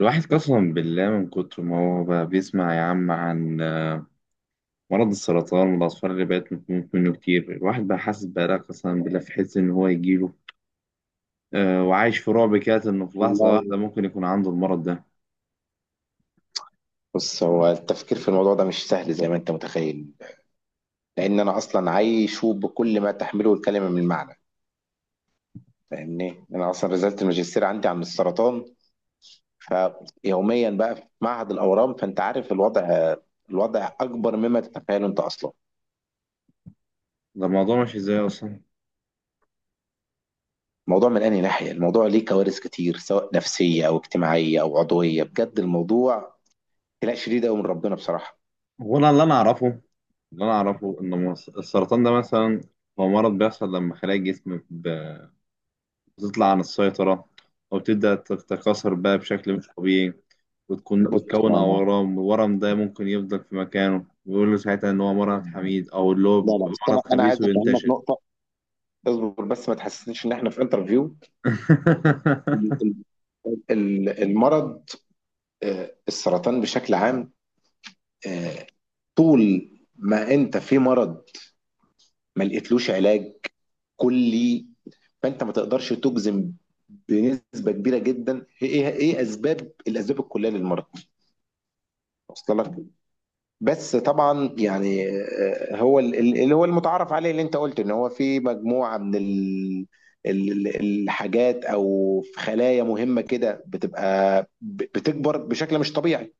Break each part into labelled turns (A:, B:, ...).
A: الواحد قسما بالله من كتر ما هو بقى بيسمع يا عم عن مرض السرطان والأطفال اللي بقت بتموت منه كتير، الواحد بقى حاسس بقى قسما بالله في حس إن هو يجيله آه وعايش في رعب كده، إنه في لحظة
B: والله،
A: واحدة ممكن يكون عنده المرض ده.
B: بص، هو التفكير في الموضوع ده مش سهل زي ما انت متخيل. لان انا اصلا عايشه بكل ما تحمله الكلمه من معنى. فاهمني، انا اصلا رسالة الماجستير عندي عن السرطان. فيوميا بقى في معهد الاورام، فانت عارف الوضع. الوضع اكبر مما تتخيله انت اصلا.
A: ده الموضوع ماشي إزاي أصلا؟
B: الموضوع من انهي ناحيه؟ الموضوع ليه كوارث كتير، سواء نفسيه او اجتماعيه او عضويه، بجد الموضوع خناق شديد قوي من ربنا بصراحه.
A: هو أنا اللي أنا أعرفه، اللي أنا أعرفه إن السرطان ده مثلا هو مرض بيحصل لما خلايا الجسم وتطلع عن السيطرة أو تبدأ تتكاثر بقى بشكل مش طبيعي وتكون
B: بص،
A: وتكون
B: انا،
A: أورام، والورم ده ممكن يفضل في مكانه ويقول له ساعتها إن هو مرض حميد، أو اللي هو
B: لا لا، بس
A: مرض
B: انا عايز
A: خبيث
B: افهمك
A: وينتشر.
B: نقطه. اصبر بس، ما تحسسنيش ان احنا في انترفيو. المرض، السرطان بشكل عام. آه، طول ما انت في مرض ما لقيتلوش علاج كلي، فانت ما تقدرش تجزم بنسبه كبيره جدا ايه اسباب الكليه للمرض. وصل لك؟ بس طبعا يعني، هو اللي هو المتعارف عليه، اللي انت قلت ان هو في مجموعه من الحاجات، او في خلايا مهمه كده بتبقى بتكبر بشكل مش طبيعي.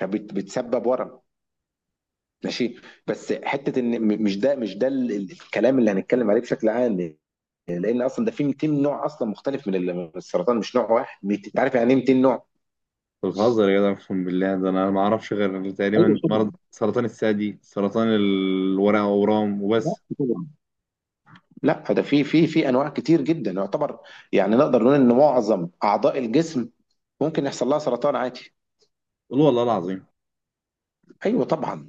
B: بتسبب ورم. ماشي. بس حته ان مش ده الكلام اللي هنتكلم عليه بشكل عام. لان اصلا ده في 200 نوع اصلا مختلف من السرطان، مش نوع واحد. انت عارف يعني ايه 200 نوع؟
A: أنت بتهزر يا جدع، أقسم بالله ده أنا ما أعرفش غير
B: ايوه
A: تقريبا
B: طبعا.
A: مرض سرطان الثدي، سرطان الورق، أورام
B: لا
A: وبس.
B: طبعا. لا، ده في انواع كتير جدا يعتبر. يعني نقدر نقول ان معظم اعضاء الجسم ممكن يحصل لها سرطان عادي.
A: قول والله العظيم.
B: ايوه طبعا.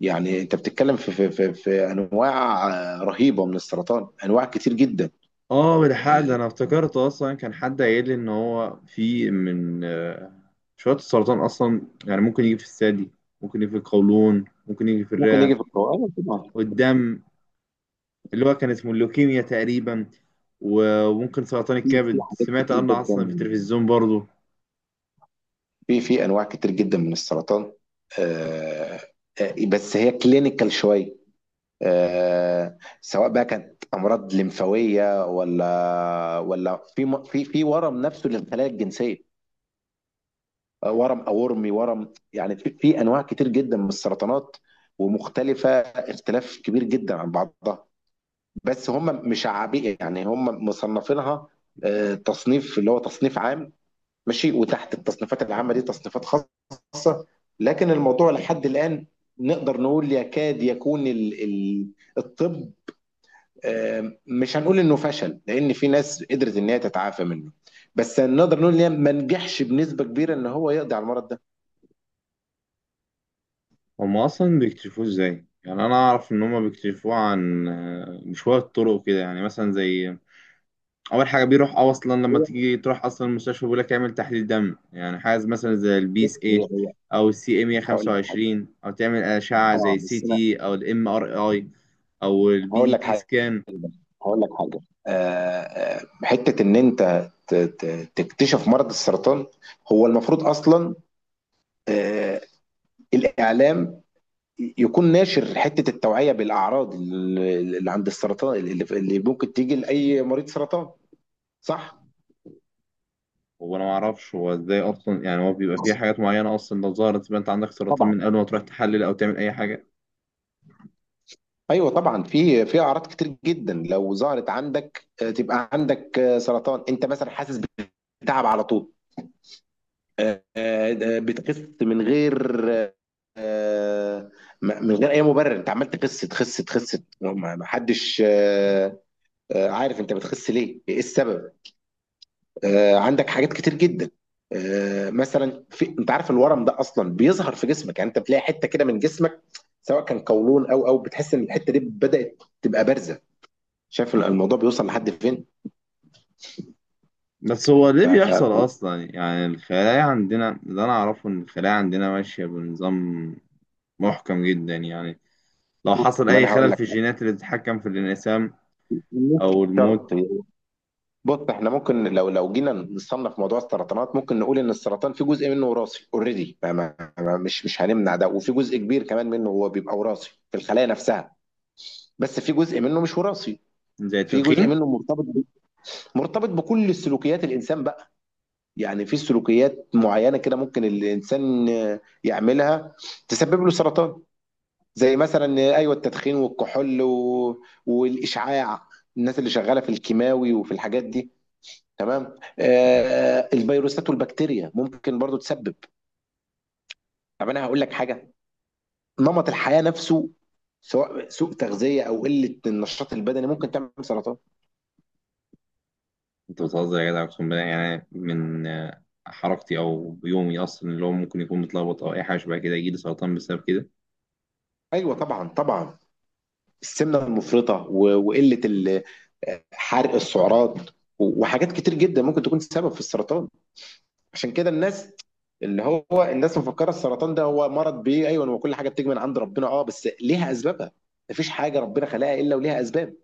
B: يعني انت بتتكلم في انواع رهيبه من السرطان، انواع كتير جدا.
A: اه بالحق ده انا افتكرت اصلا كان حد قايل لي ان هو في من شويه السرطان اصلا، يعني ممكن يجي في الثدي، ممكن يجي في القولون، ممكن يجي في
B: ممكن
A: الرئه
B: يجي في القولون، ايوه طبعا.
A: والدم، اللي هو كان اسمه اللوكيميا تقريبا، وممكن سرطان
B: في
A: الكبد
B: حاجات
A: سمعت
B: كتير
A: عنه اصلا
B: جدا،
A: في التلفزيون برضه.
B: في انواع كتير جدا من السرطان. آه، بس هي كلينيكال شويه. سواء بقى كانت امراض لمفاويه، ولا في م- في في ورم نفسه للخلايا الجنسيه. ورم اورمي ورم، يعني في انواع كتير جدا من السرطانات، ومختلفه اختلاف كبير جدا عن بعضها. بس هم مشعبين، يعني هم مصنفينها تصنيف، اللي هو تصنيف عام. ماشي، وتحت التصنيفات العامة دي تصنيفات خاصة. لكن الموضوع لحد الآن نقدر نقول يكاد يكون الطب، مش هنقول انه فشل، لان في ناس قدرت ان هي تتعافى منه. بس نقدر نقول ان هي ما نجحش بنسبة كبيرة ان هو يقضي على المرض ده.
A: هم اصلا بيكتشفوه ازاي؟ يعني انا اعرف ان هم بيكتشفوه عن بشويه طرق كده، يعني مثلا زي اول حاجه بيروح اه اصلا لما
B: هي
A: تيجي تروح اصلا المستشفى بيقول لك اعمل تحليل دم، يعني حاجه مثلا زي البي
B: بص،
A: اس
B: هي
A: اي
B: هي
A: او السي ام
B: هقول لك حاجة.
A: 125، او تعمل اشعه
B: اه،
A: زي سي
B: بس انا
A: تي او الام ار اي او البي
B: هقول
A: اي
B: لك
A: تي
B: حاجة
A: سكان.
B: هقول لك حاجة. آه، حتة ان انت تكتشف مرض السرطان، هو المفروض اصلا آه، الاعلام يكون ناشر حتة التوعية بالأعراض اللي عند السرطان، اللي ممكن تيجي لأي مريض سرطان، صح؟
A: هو انا ما اعرفش هو ازاي اصلا، يعني هو بيبقى فيه حاجات معينه اصلا لو ظهرت يبقى انت عندك سرطان
B: طبعا.
A: من قبل ما تروح تحلل او تعمل اي حاجه.
B: ايوه طبعا، في اعراض كتير جدا لو ظهرت عندك تبقى عندك سرطان. انت مثلا حاسس بتعب على طول. آه، آه، بتخس من غير، آه، من غير اي مبرر. انت عمال تخس تخس تخس، ما حدش عارف انت بتخس ليه، ايه السبب. عندك حاجات كتير جدا. مثلا، انت عارف الورم ده اصلا بيظهر في جسمك، يعني انت بتلاقي حته كده من جسمك، سواء كان قولون، او بتحس ان الحته دي بدات تبقى بارزه. شايف الموضوع بيوصل لحد فين؟
A: بس هو ليه
B: ف ف
A: بيحصل اصلا؟ يعني الخلايا عندنا، اللي انا اعرفه ان الخلايا عندنا ماشيه بنظام محكم جدا، يعني لو
B: بص،
A: حصل
B: ما
A: اي
B: انا هقول
A: خلل في
B: لك.
A: الجينات اللي بتتحكم في الانقسام
B: مش
A: او
B: شرط.
A: المود،
B: بص، احنا ممكن لو جينا نصنف موضوع السرطانات، ممكن نقول ان السرطان في جزء منه وراثي، اوريدي، ما ما ما مش هنمنع ده. وفي جزء كبير كمان منه هو بيبقى وراثي في الخلايا نفسها، بس في جزء منه مش وراثي.
A: زي
B: في جزء
A: التدخين.
B: منه مرتبط بكل السلوكيات الانسان بقى. يعني في سلوكيات معينه كده ممكن الانسان يعملها تسبب له سرطان، زي مثلا ايوه، التدخين والكحول والاشعاع، الناس اللي شغاله في الكيماوي وفي الحاجات دي. تمام، الفيروسات والبكتيريا ممكن برضو تسبب. طب انا هقول لك حاجه، نمط الحياه نفسه، سواء سوء تغذيه او قله النشاط البدني، ممكن تعمل سرطان.
A: انت بتهزر يا جدع اقسم بالله، يعني من حركتي او يومي اصلا اللي هو ممكن يكون متلخبط او اي حاجه شبه كده يجي لي سرطان بسبب كده؟
B: ايوه طبعا طبعا. السمنه المفرطه وقله حرق السعرات، وحاجات كتير جدا ممكن تكون سبب في السرطان. عشان كده الناس مفكره السرطان ده هو مرض بيه، ايوه، وكل حاجه بتيجي من عند ربنا، اه بس ليها اسبابها. مفيش حاجه ربنا خلقها الا وليها اسباب.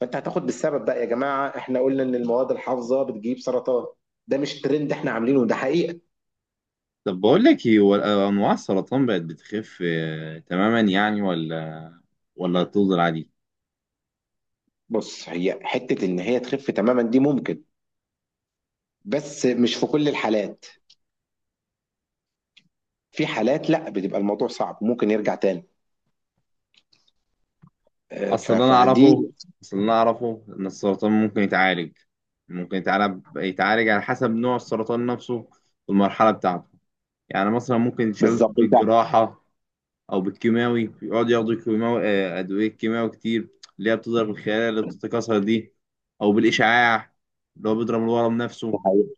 B: فانت هتاخد بالسبب بقى، يا جماعه احنا قلنا ان المواد الحافظه بتجيب سرطان، ده مش ترند احنا عاملينه، ده حقيقه.
A: طب بقول لك ايه، هو انواع السرطان بقت بتخف تماما يعني، ولا ولا تفضل عادي؟
B: بص، هي حته ان هي تخف تماما دي ممكن، بس مش في كل الحالات. في حالات لا، بتبقى الموضوع صعب ممكن يرجع تاني.
A: اصل اللي انا
B: فدي.
A: اعرفه اصل اللي انا اعرفه ان السرطان ممكن يتعالج، يتعالج على حسب نوع السرطان نفسه والمرحله بتاعته. يعني مثلا ممكن يتشال
B: بالظبط انت.
A: بالجراحه، او بالكيماوي يقعد ياخدوا كيماوي، ادويه كيماوي كتير اللي هي بتضرب الخلايا اللي بتتكاثر دي، او بالاشعاع اللي هو بيضرب الورم
B: دي
A: نفسه.
B: حقيقة.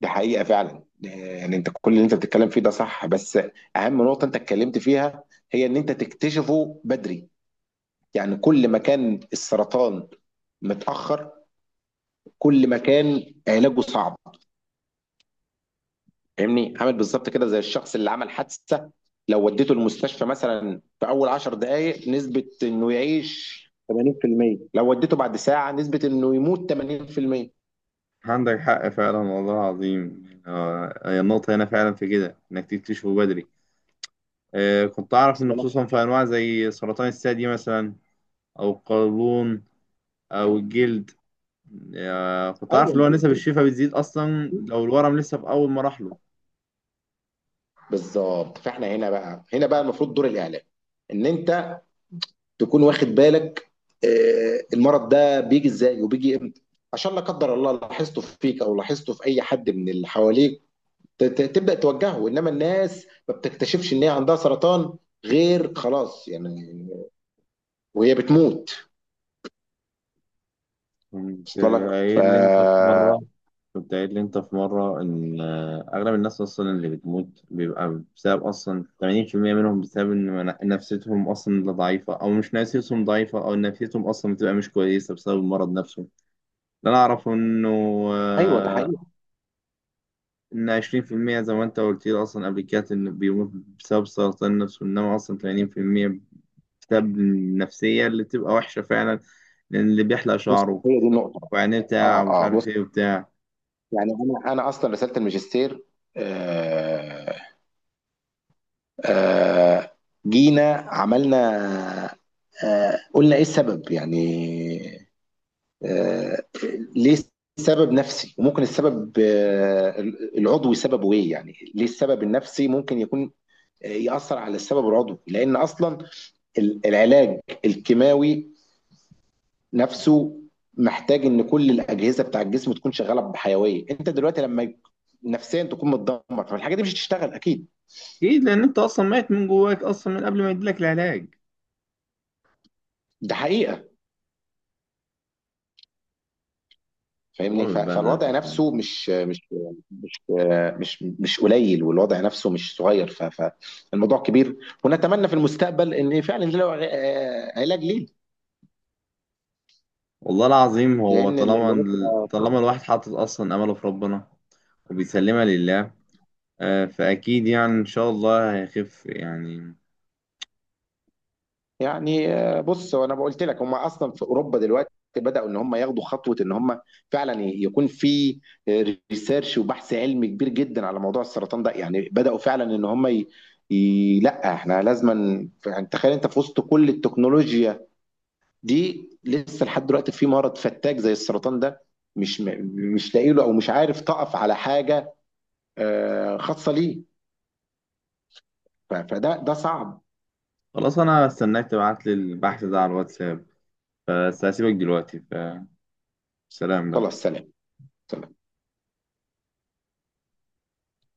B: دي حقيقة فعلا. يعني انت كل اللي انت بتتكلم فيه ده صح، بس اهم نقطة انت اتكلمت فيها هي ان انت تكتشفه بدري. يعني كل ما كان السرطان متأخر، كل ما كان علاجه صعب. فاهمني، عامل بالظبط كده زي الشخص اللي عمل حادثة. لو وديته المستشفى مثلا في اول 10 دقائق نسبة انه يعيش 80%. لو وديته بعد ساعة نسبة انه يموت 80%.
A: عندك حق فعلا والله العظيم، هي النقطة هنا فعلا في كده إنك تكتشفه بدري. كنت أعرف
B: أصل
A: إن
B: أنا-
A: خصوصا في أنواع زي سرطان الثدي مثلا أو القولون أو الجلد. كنت أعرف
B: ايوه،
A: اللي هو نسب الشفاء بتزيد أصلا لو الورم لسه في أول مراحله.
B: بالظبط. فاحنا هنا بقى المفروض دور الاعلام، ان انت تكون واخد بالك المرض ده بيجي ازاي وبيجي امتى، عشان لا قدر الله لاحظته فيك او لاحظته في اي حد من اللي حواليك، تبدا توجهه. انما الناس ما بتكتشفش ان هي عندها سرطان غير خلاص يعني، وهي بتموت.
A: كنت
B: وصل لك؟ ف
A: قايل لي انت في مرة كنت قايل لي انت في مرة ان اغلب الناس اصلا اللي بتموت بيبقى بسبب اصلا 80% منهم بسبب ان نفسيتهم اصلا لا ضعيفة، او مش نفسيتهم ضعيفة، او نفسيتهم اصلا بتبقى مش كويسة بسبب المرض نفسه. اللي انا اعرفه انه
B: ايوه، ده
A: آه،
B: حقيقي.
A: ان 20% زي ما انت قلت لي اصلا قبل كده انه بيموت بسبب سرطان النفس، وانما اصلا 80% بسبب النفسية اللي بتبقى وحشة فعلا. لان اللي بيحلق
B: بص،
A: شعره
B: هي دي النقطه.
A: وعينيه بتاع
B: اه،
A: ومش
B: اه، بص،
A: عارف ايه وبتاع
B: يعني انا اصلا رساله الماجستير، آه آه، جينا عملنا، قلنا ايه السبب يعني، آه، ليه السبب نفسي، وممكن السبب العضوي سببه ايه، يعني ليه السبب النفسي ممكن يكون يأثر على السبب العضوي. لأن أصلا العلاج الكيماوي نفسه محتاج إن كل الأجهزة بتاع الجسم تكون شغالة بحيوية. أنت دلوقتي لما نفسيا تكون متدمر، فالحاجة دي مش هتشتغل أكيد.
A: اكيد لان انت اصلا ميت من جواك اصلا من قبل ما يديلك العلاج.
B: ده حقيقة.
A: والله
B: فاهمني،
A: ما بتبهدل يا
B: فالوضع
A: قسم
B: نفسه،
A: بالله.
B: مش مش قليل، والوضع نفسه مش صغير. فالموضوع كبير، ونتمنى في المستقبل ان فعلا له علاج ليه،
A: والله العظيم هو
B: لان الوضع صعب.
A: طالما الواحد حاطط اصلا امله في ربنا وبيسلمها لله. فاكيد يعني ان شاء الله هيخف يعني.
B: يعني بص وانا قلت لك هم اصلا في اوروبا دلوقتي بداوا ان هم ياخدوا خطوه، ان هم فعلا يكون في ريسيرش وبحث علمي كبير جدا على موضوع السرطان ده، يعني بداوا فعلا ان هم لا، احنا لازما، يعني تخيل انت في وسط كل التكنولوجيا دي لسه لحد دلوقتي في مرض فتاك زي السرطان ده، مش م- مش لاقي له او مش عارف تقف على حاجه خاصه ليه. فده صعب.
A: خلاص انا استناك تبعت لي البحث ده على الواتساب، فسأسيبك دلوقتي، فسلام
B: خلاص،
A: بقى.
B: سلام.